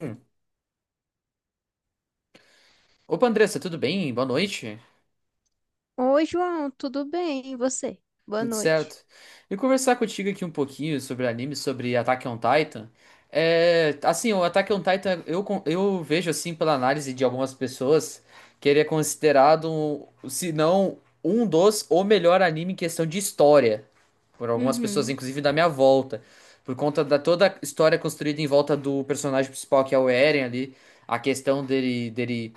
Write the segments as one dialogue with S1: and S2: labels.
S1: Hum. Opa, Andressa, tudo bem? Boa noite.
S2: Oi, João, tudo bem? E você? Boa
S1: Tudo
S2: noite.
S1: certo. E conversar contigo aqui um pouquinho sobre anime, sobre Attack on Titan. É, assim, o Attack on Titan, eu vejo assim pela análise de algumas pessoas que ele é considerado, se não um dos, o melhor anime em questão de história. Por algumas pessoas,
S2: Uhum.
S1: inclusive da minha volta. Por conta da toda a história construída em volta do personagem principal, que é o Eren ali. A questão dele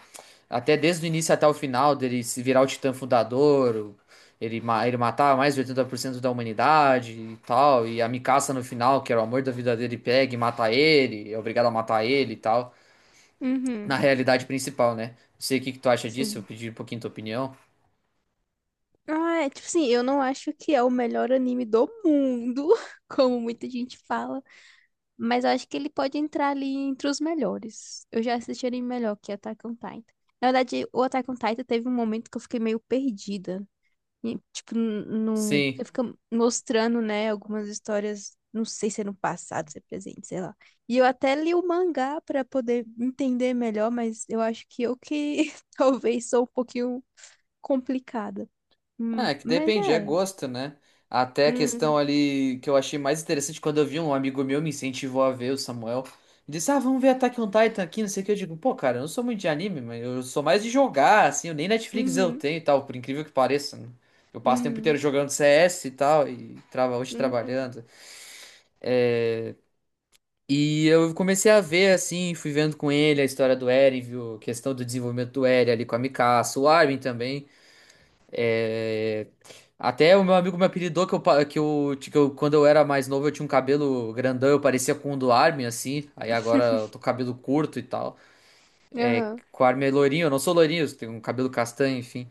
S1: até desde o início até o final, dele se virar o Titã Fundador, ele matava mais de 80% da humanidade e tal. E a Mikasa no final, que era o amor da vida dele, pega e mata ele, é obrigado a matar ele e tal. Na
S2: Uhum.
S1: realidade principal, né? Não sei o que que tu acha disso, eu
S2: Sim.
S1: pedi um pouquinho tua opinião.
S2: Ah, é tipo assim, eu não acho que é o melhor anime do mundo, como muita gente fala, mas eu acho que ele pode entrar ali entre os melhores. Eu já assisti anime melhor que é Attack on Titan. Na verdade, o Attack on Titan teve um momento que eu fiquei meio perdida. E, tipo, no
S1: Sim.
S2: porque fica mostrando, né, algumas histórias, não sei se é no passado, se é presente, sei lá. E eu até li o mangá pra poder entender melhor, mas eu acho que eu que talvez sou um pouquinho complicada. Hum.
S1: Ah, é que
S2: Mas
S1: depende, é
S2: é.
S1: gosto, né? Até a questão
S2: Hum.
S1: ali que eu achei mais interessante quando eu vi um amigo meu me incentivou a ver o Samuel. Ele disse, ah, vamos ver Attack on Titan aqui, não sei o que. Eu digo, pô, cara, eu não sou muito de anime, mas eu sou mais de jogar, assim, eu nem Netflix eu
S2: Uhum.
S1: tenho e tal, por incrível que pareça, né? Eu passo o tempo inteiro
S2: Uhum.
S1: jogando CS e tal, e trava hoje
S2: Uhum.
S1: trabalhando. É, e eu comecei a ver, assim, fui vendo com ele a história do Eren, viu? A questão do desenvolvimento do Eren ali com a Mikasa, o Armin também. é, Até o meu amigo me apelidou que eu, quando eu era mais novo, eu tinha um cabelo grandão, eu parecia com o do Armin, assim. Aí agora eu tô com cabelo curto e tal.
S2: Aham.
S1: O Armin é loirinho, eu não sou loirinho, tenho um cabelo castanho, enfim.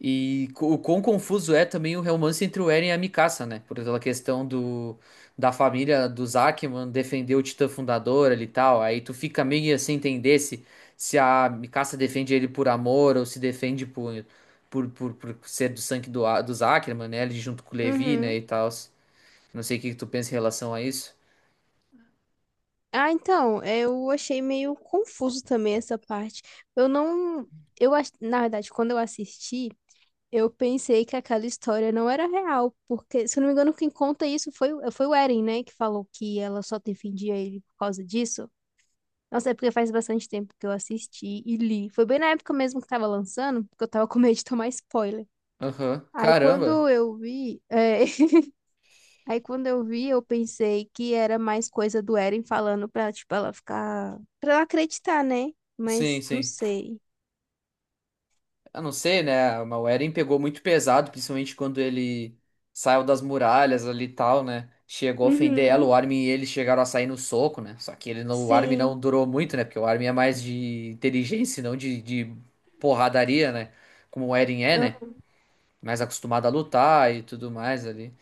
S1: O quão confuso é também o romance entre o Eren e a Mikasa, né? Por aquela questão do, da família dos Ackman defender o Titã Fundador ali e tal. Aí tu fica meio sem entender se a Mikasa defende ele por amor ou se defende por ser do sangue dos Ackerman, né? Ali junto com o Levi, né?
S2: Uhum.
S1: E tal. Não sei o que que tu pensa em relação a isso.
S2: Ah, então, eu achei meio confuso também essa parte. Eu não. Na verdade, quando eu assisti, eu pensei que aquela história não era real, porque, se eu não me engano, quem conta isso foi o Eren, né? Que falou que ela só defendia ele por causa disso. Nossa, é porque faz bastante tempo que eu assisti e li. Foi bem na época mesmo que tava lançando, porque eu tava com medo de tomar spoiler.
S1: Aham.
S2: Aí
S1: Caramba.
S2: quando eu vi, é, aí quando eu vi, eu pensei que era mais coisa do Eren falando pra, tipo, ela ficar, pra ela acreditar, né?
S1: Sim,
S2: Mas não
S1: sim.
S2: sei.
S1: Eu não sei, né? O Eren pegou muito pesado, principalmente quando ele saiu das muralhas ali e tal, né? Chegou a ofender ela,
S2: Uhum.
S1: o Armin e ele chegaram a sair no soco, né? Só que ele não, o Armin não
S2: Sim.
S1: durou muito, né? Porque o Armin é mais de inteligência, e não de, de porradaria, né? Como o Eren é, né?
S2: Ah.
S1: Mais acostumado a lutar e tudo mais ali.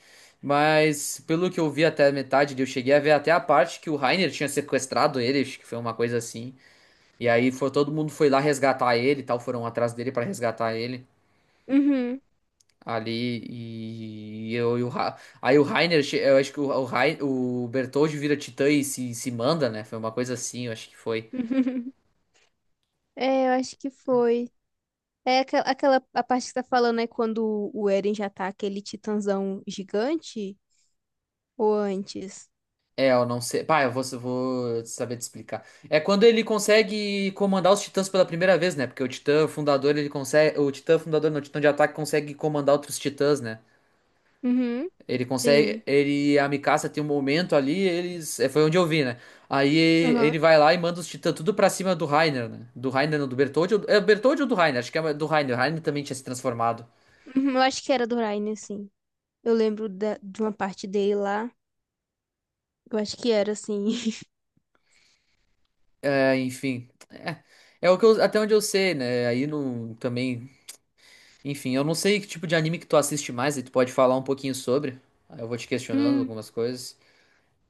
S1: Mas pelo que eu vi até a metade, eu cheguei a ver até a parte que o Reiner tinha sequestrado ele, acho que foi uma coisa assim. E aí foi, todo mundo foi lá resgatar ele e tal, foram atrás dele pra resgatar ele.
S2: Uhum.
S1: Ali e eu e aí o Rainer, eu acho que o Bertoldi vira Titã e se manda, né? Foi uma coisa assim, eu acho que foi.
S2: É, eu acho que foi. É aquela a parte que tá falando é quando o Eren já tá aquele titãzão gigante ou antes?
S1: É, eu não sei. Pá, eu vou saber te explicar. É quando ele consegue comandar os Titãs pela primeira vez, né? Porque o Titã fundador, ele consegue, o Titã fundador, não, o Titã de ataque consegue comandar outros Titãs, né?
S2: Uhum.
S1: Ele consegue.
S2: Sim.
S1: Ele, a Mikasa tem um momento ali, eles. Foi onde eu vi, né? Aí ele
S2: Aham.
S1: vai lá e manda os titãs tudo pra cima do Reiner, né? Do Reiner, não, do Bertholdt. É o Bertholdt ou do Reiner? Acho que é do Reiner. O Reiner também tinha se transformado.
S2: Uhum. Eu acho que era do Ryan, sim. Eu lembro de uma parte dele lá. Eu acho que era assim.
S1: É, enfim. Até onde eu sei, né? Aí no, também. Enfim, eu não sei que tipo de anime que tu assiste mais, aí tu pode falar um pouquinho sobre. Aí eu vou te questionando
S2: Hum.
S1: algumas coisas.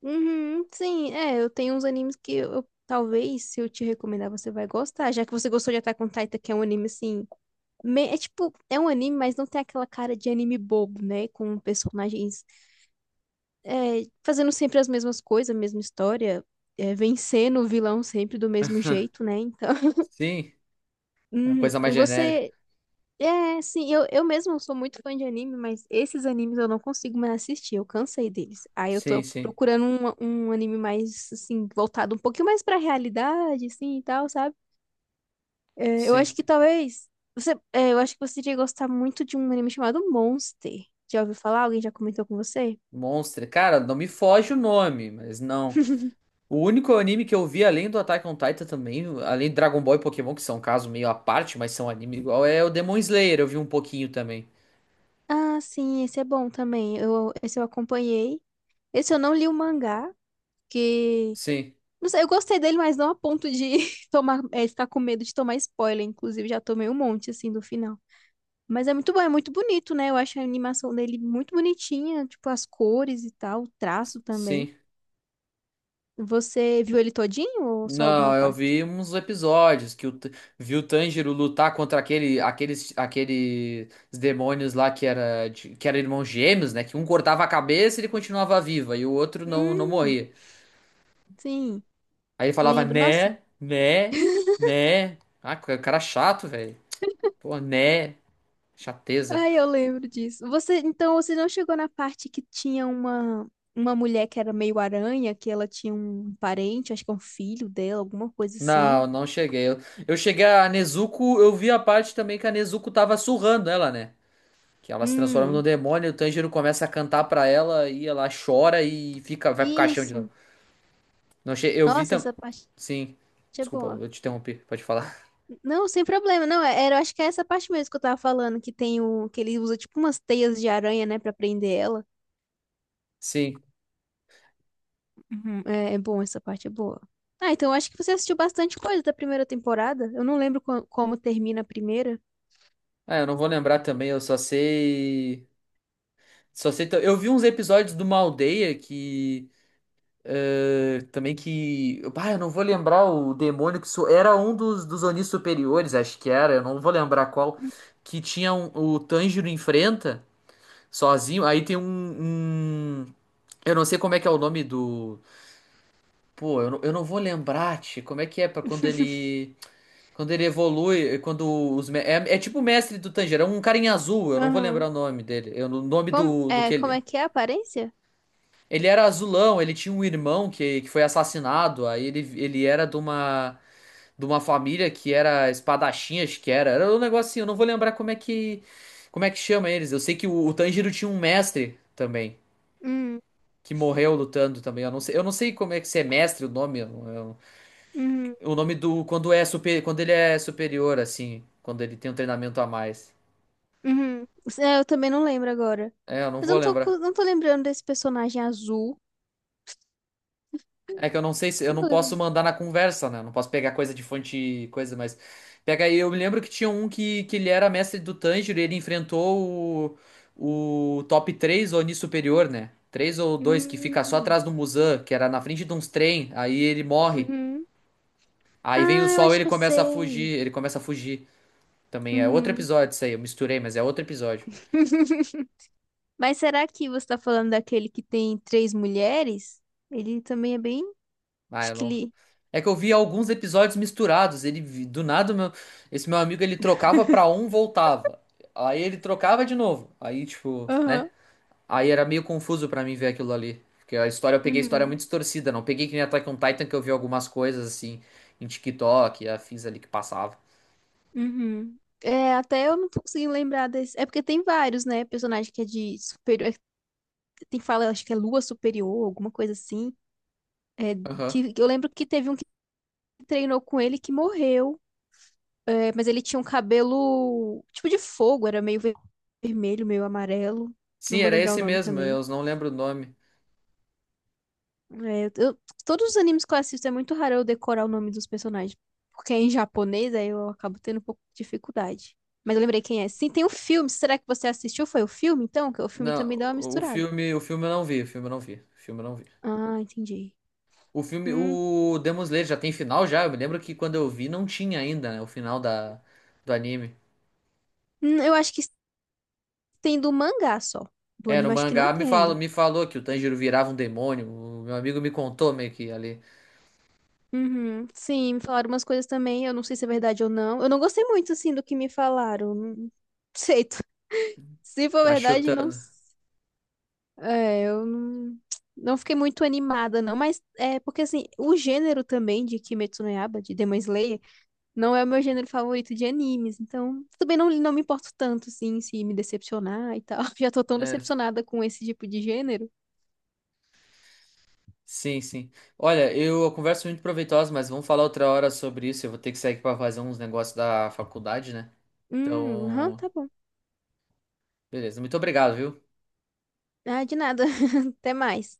S2: Uhum. Sim, é, eu tenho uns animes que talvez se eu te recomendar você vai gostar, já que você gostou de Attack on Titan, que é um anime assim, é tipo, é um anime, mas não tem aquela cara de anime bobo, né, com personagens fazendo sempre as mesmas coisas, a mesma história, vencendo o vilão sempre do mesmo jeito, né? Então,
S1: Sim, é uma coisa mais genérica.
S2: você. É, sim, eu mesmo sou muito fã de anime, mas esses animes eu não consigo mais assistir, eu cansei deles. Aí eu
S1: Sim,
S2: tô
S1: sim,
S2: procurando um anime mais, assim, voltado um pouquinho mais pra realidade, assim, e tal, sabe? É, eu acho
S1: sim.
S2: que talvez. Eu acho que você iria gostar muito de um anime chamado Monster. Já ouviu falar? Alguém já comentou com você?
S1: Monster. Cara, não me foge o nome, mas não. O único anime que eu vi além do Attack on Titan também, além de Dragon Ball e Pokémon, que são um caso meio à parte, mas são anime igual, é o Demon Slayer, eu vi um pouquinho também.
S2: Ah, sim, esse é bom também. Esse eu acompanhei. Esse eu não li o mangá, que
S1: Sim,
S2: não sei, eu gostei dele, mas não a ponto de ficar com medo de tomar spoiler. Inclusive, já tomei um monte, assim, do final. Mas é muito bom, é muito bonito, né? Eu acho a animação dele muito bonitinha, tipo, as cores e tal, o traço também.
S1: sim.
S2: Você viu ele todinho ou só
S1: Não,
S2: alguma
S1: eu
S2: parte?
S1: vi uns episódios vi o Tanjiro lutar contra aqueles demônios lá que era irmãos gêmeos, né? Que um cortava a cabeça e ele continuava viva e o outro não, não
S2: Hum,
S1: morria.
S2: sim,
S1: Aí ele falava
S2: lembro. Nossa,
S1: né, né, né. Ah, cara é chato, velho. Pô, né, chateza.
S2: ai, eu lembro disso. Então, você não chegou na parte que tinha uma mulher que era meio aranha, que ela tinha um parente, acho que é um filho dela, alguma coisa assim.
S1: Não, não cheguei. Eu cheguei a Nezuko, eu vi a parte também que a Nezuko tava surrando ela, né? Que ela se transforma no
S2: Hum,
S1: demônio, o Tanjiro começa a cantar pra ela e ela chora e fica, vai pro caixão de novo.
S2: isso.
S1: Não. Eu vi
S2: Nossa,
S1: também.
S2: essa parte
S1: Sim.
S2: é
S1: Desculpa,
S2: boa.
S1: eu te interrompi, pode falar.
S2: Não, sem problema. Não, era, acho que é essa parte mesmo que eu tava falando, que tem o que ele usa tipo umas teias de aranha, né, pra prender ela.
S1: Sim.
S2: Uhum. É, é bom, essa parte é boa. Ah, então eu acho que você assistiu bastante coisa da primeira temporada. Eu não lembro como termina a primeira.
S1: Ah, eu não vou lembrar também, eu só sei. Só sei. Eu vi uns episódios de uma aldeia que. É, também que. Ah, eu não vou lembrar o demônio que. Era um dos Onis superiores, acho que era, eu não vou lembrar qual. Que tinha o Tanjiro enfrenta sozinho. Aí tem um. Eu não sei como é que é o nome do. Pô, eu não vou lembrar, tchê, como é que é pra quando ele. Quando ele evolui, quando os. É tipo o mestre do Tanjiro, é um cara em azul, eu não vou
S2: Aham.
S1: lembrar o nome dele. Eu, o nome
S2: Como,
S1: do
S2: é,
S1: que ele.
S2: como
S1: É.
S2: é que é a aparência?
S1: Ele, era azulão, ele tinha um irmão que foi assassinado, aí Ele era de uma, família que era espadachim, acho que era. Era um negocinho, eu não vou lembrar como é que chama eles. Eu sei que o Tanjiro tinha um mestre também,
S2: Hum.
S1: que morreu lutando também. Eu não sei como é que se é mestre o nome,
S2: Uhum.
S1: o nome do, quando é super, quando ele é superior, assim, quando ele tem um treinamento a mais.
S2: Uhum. É, eu também não lembro agora.
S1: É, eu não
S2: Mas
S1: vou
S2: eu não tô, co-
S1: lembrar.
S2: não tô lembrando desse personagem azul.
S1: É que eu não sei se eu
S2: Não
S1: não
S2: tô
S1: posso
S2: lembrando.
S1: mandar na conversa, né? Eu não posso pegar coisa de fonte, coisa, mas pega aí. Eu me lembro que tinha um que ele era mestre do Tanjiro e ele enfrentou o top 3 Oni superior, né? 3 ou dois que fica só
S2: Hum.
S1: atrás do Muzan, que era na frente de uns trem, aí ele morre.
S2: Uhum.
S1: Aí vem o
S2: Ah, eu
S1: sol e
S2: acho
S1: ele
S2: que eu
S1: começa a
S2: sei.
S1: fugir, ele começa a fugir. Também é outro
S2: Uhum.
S1: episódio isso aí, eu misturei, mas é outro episódio.
S2: Mas será que você tá falando daquele que tem três mulheres? Ele também é bem.
S1: Ah,
S2: Acho
S1: eu
S2: que
S1: não.
S2: ele.
S1: É que eu vi alguns episódios misturados. Do nada meu, esse meu amigo ele trocava pra um, voltava. Aí ele trocava de novo. Aí tipo, né?
S2: Aham.
S1: Aí era meio confuso pra mim ver aquilo ali, porque a história eu peguei a história muito
S2: Uhum.
S1: distorcida, não peguei que nem Attack on Titan que eu vi algumas coisas assim em TikTok, e afins ali que passava.
S2: Uhum. É, até eu não tô conseguindo lembrar desse. É porque tem vários, né? Personagem que é de superior. Tem fala, acho que é Lua Superior, alguma coisa assim.
S1: Aham.
S2: Que eu lembro que teve um que treinou com ele que morreu. É, mas ele tinha um cabelo tipo de fogo, era meio vermelho, meio amarelo.
S1: Sim,
S2: Não vou
S1: era
S2: lembrar o
S1: esse
S2: nome
S1: mesmo,
S2: também.
S1: eu não lembro o nome.
S2: É, todos os animes que eu assisto é muito raro eu decorar o nome dos personagens. Porque é em japonês, aí eu acabo tendo um pouco de dificuldade. Mas eu lembrei quem é. Sim, tem o filme. Será que você assistiu? Foi o filme, então? Que o filme
S1: Não,
S2: também dá uma
S1: o
S2: misturada.
S1: filme, o filme eu não vi, o filme eu não vi, o filme eu não vi.
S2: Ah, entendi.
S1: O filme,
S2: Hum,
S1: o Demon Slayer já tem final já? Eu me lembro que quando eu vi não tinha ainda, né, o final da, do anime.
S2: eu acho que tem do mangá só. Do
S1: É, no
S2: anime, acho que não
S1: mangá
S2: tem ainda.
S1: me falou que o Tanjiro virava um demônio. O meu amigo me contou meio que ali.
S2: Uhum, sim, me falaram umas coisas também. Eu não sei se é verdade ou não. Eu não gostei muito, assim, do que me falaram. Não, não sei. Se for
S1: Tá
S2: verdade, não.
S1: chutando.
S2: É, eu não, não fiquei muito animada, não, mas é porque assim, o gênero também de Kimetsu no Yaiba, de Demon Slayer, não é o meu gênero favorito de animes, então também não, não me importo tanto, assim, se me decepcionar e tal. Já tô tão
S1: É,
S2: decepcionada com esse tipo de gênero.
S1: sim, sim. Olha, eu, a conversa é muito proveitosa, mas vamos falar outra hora sobre isso. Eu vou ter que sair aqui pra fazer uns negócios da faculdade, né?
S2: Aham,
S1: Então,
S2: tá bom.
S1: beleza. Muito obrigado, viu?
S2: Ah, de nada. Até mais.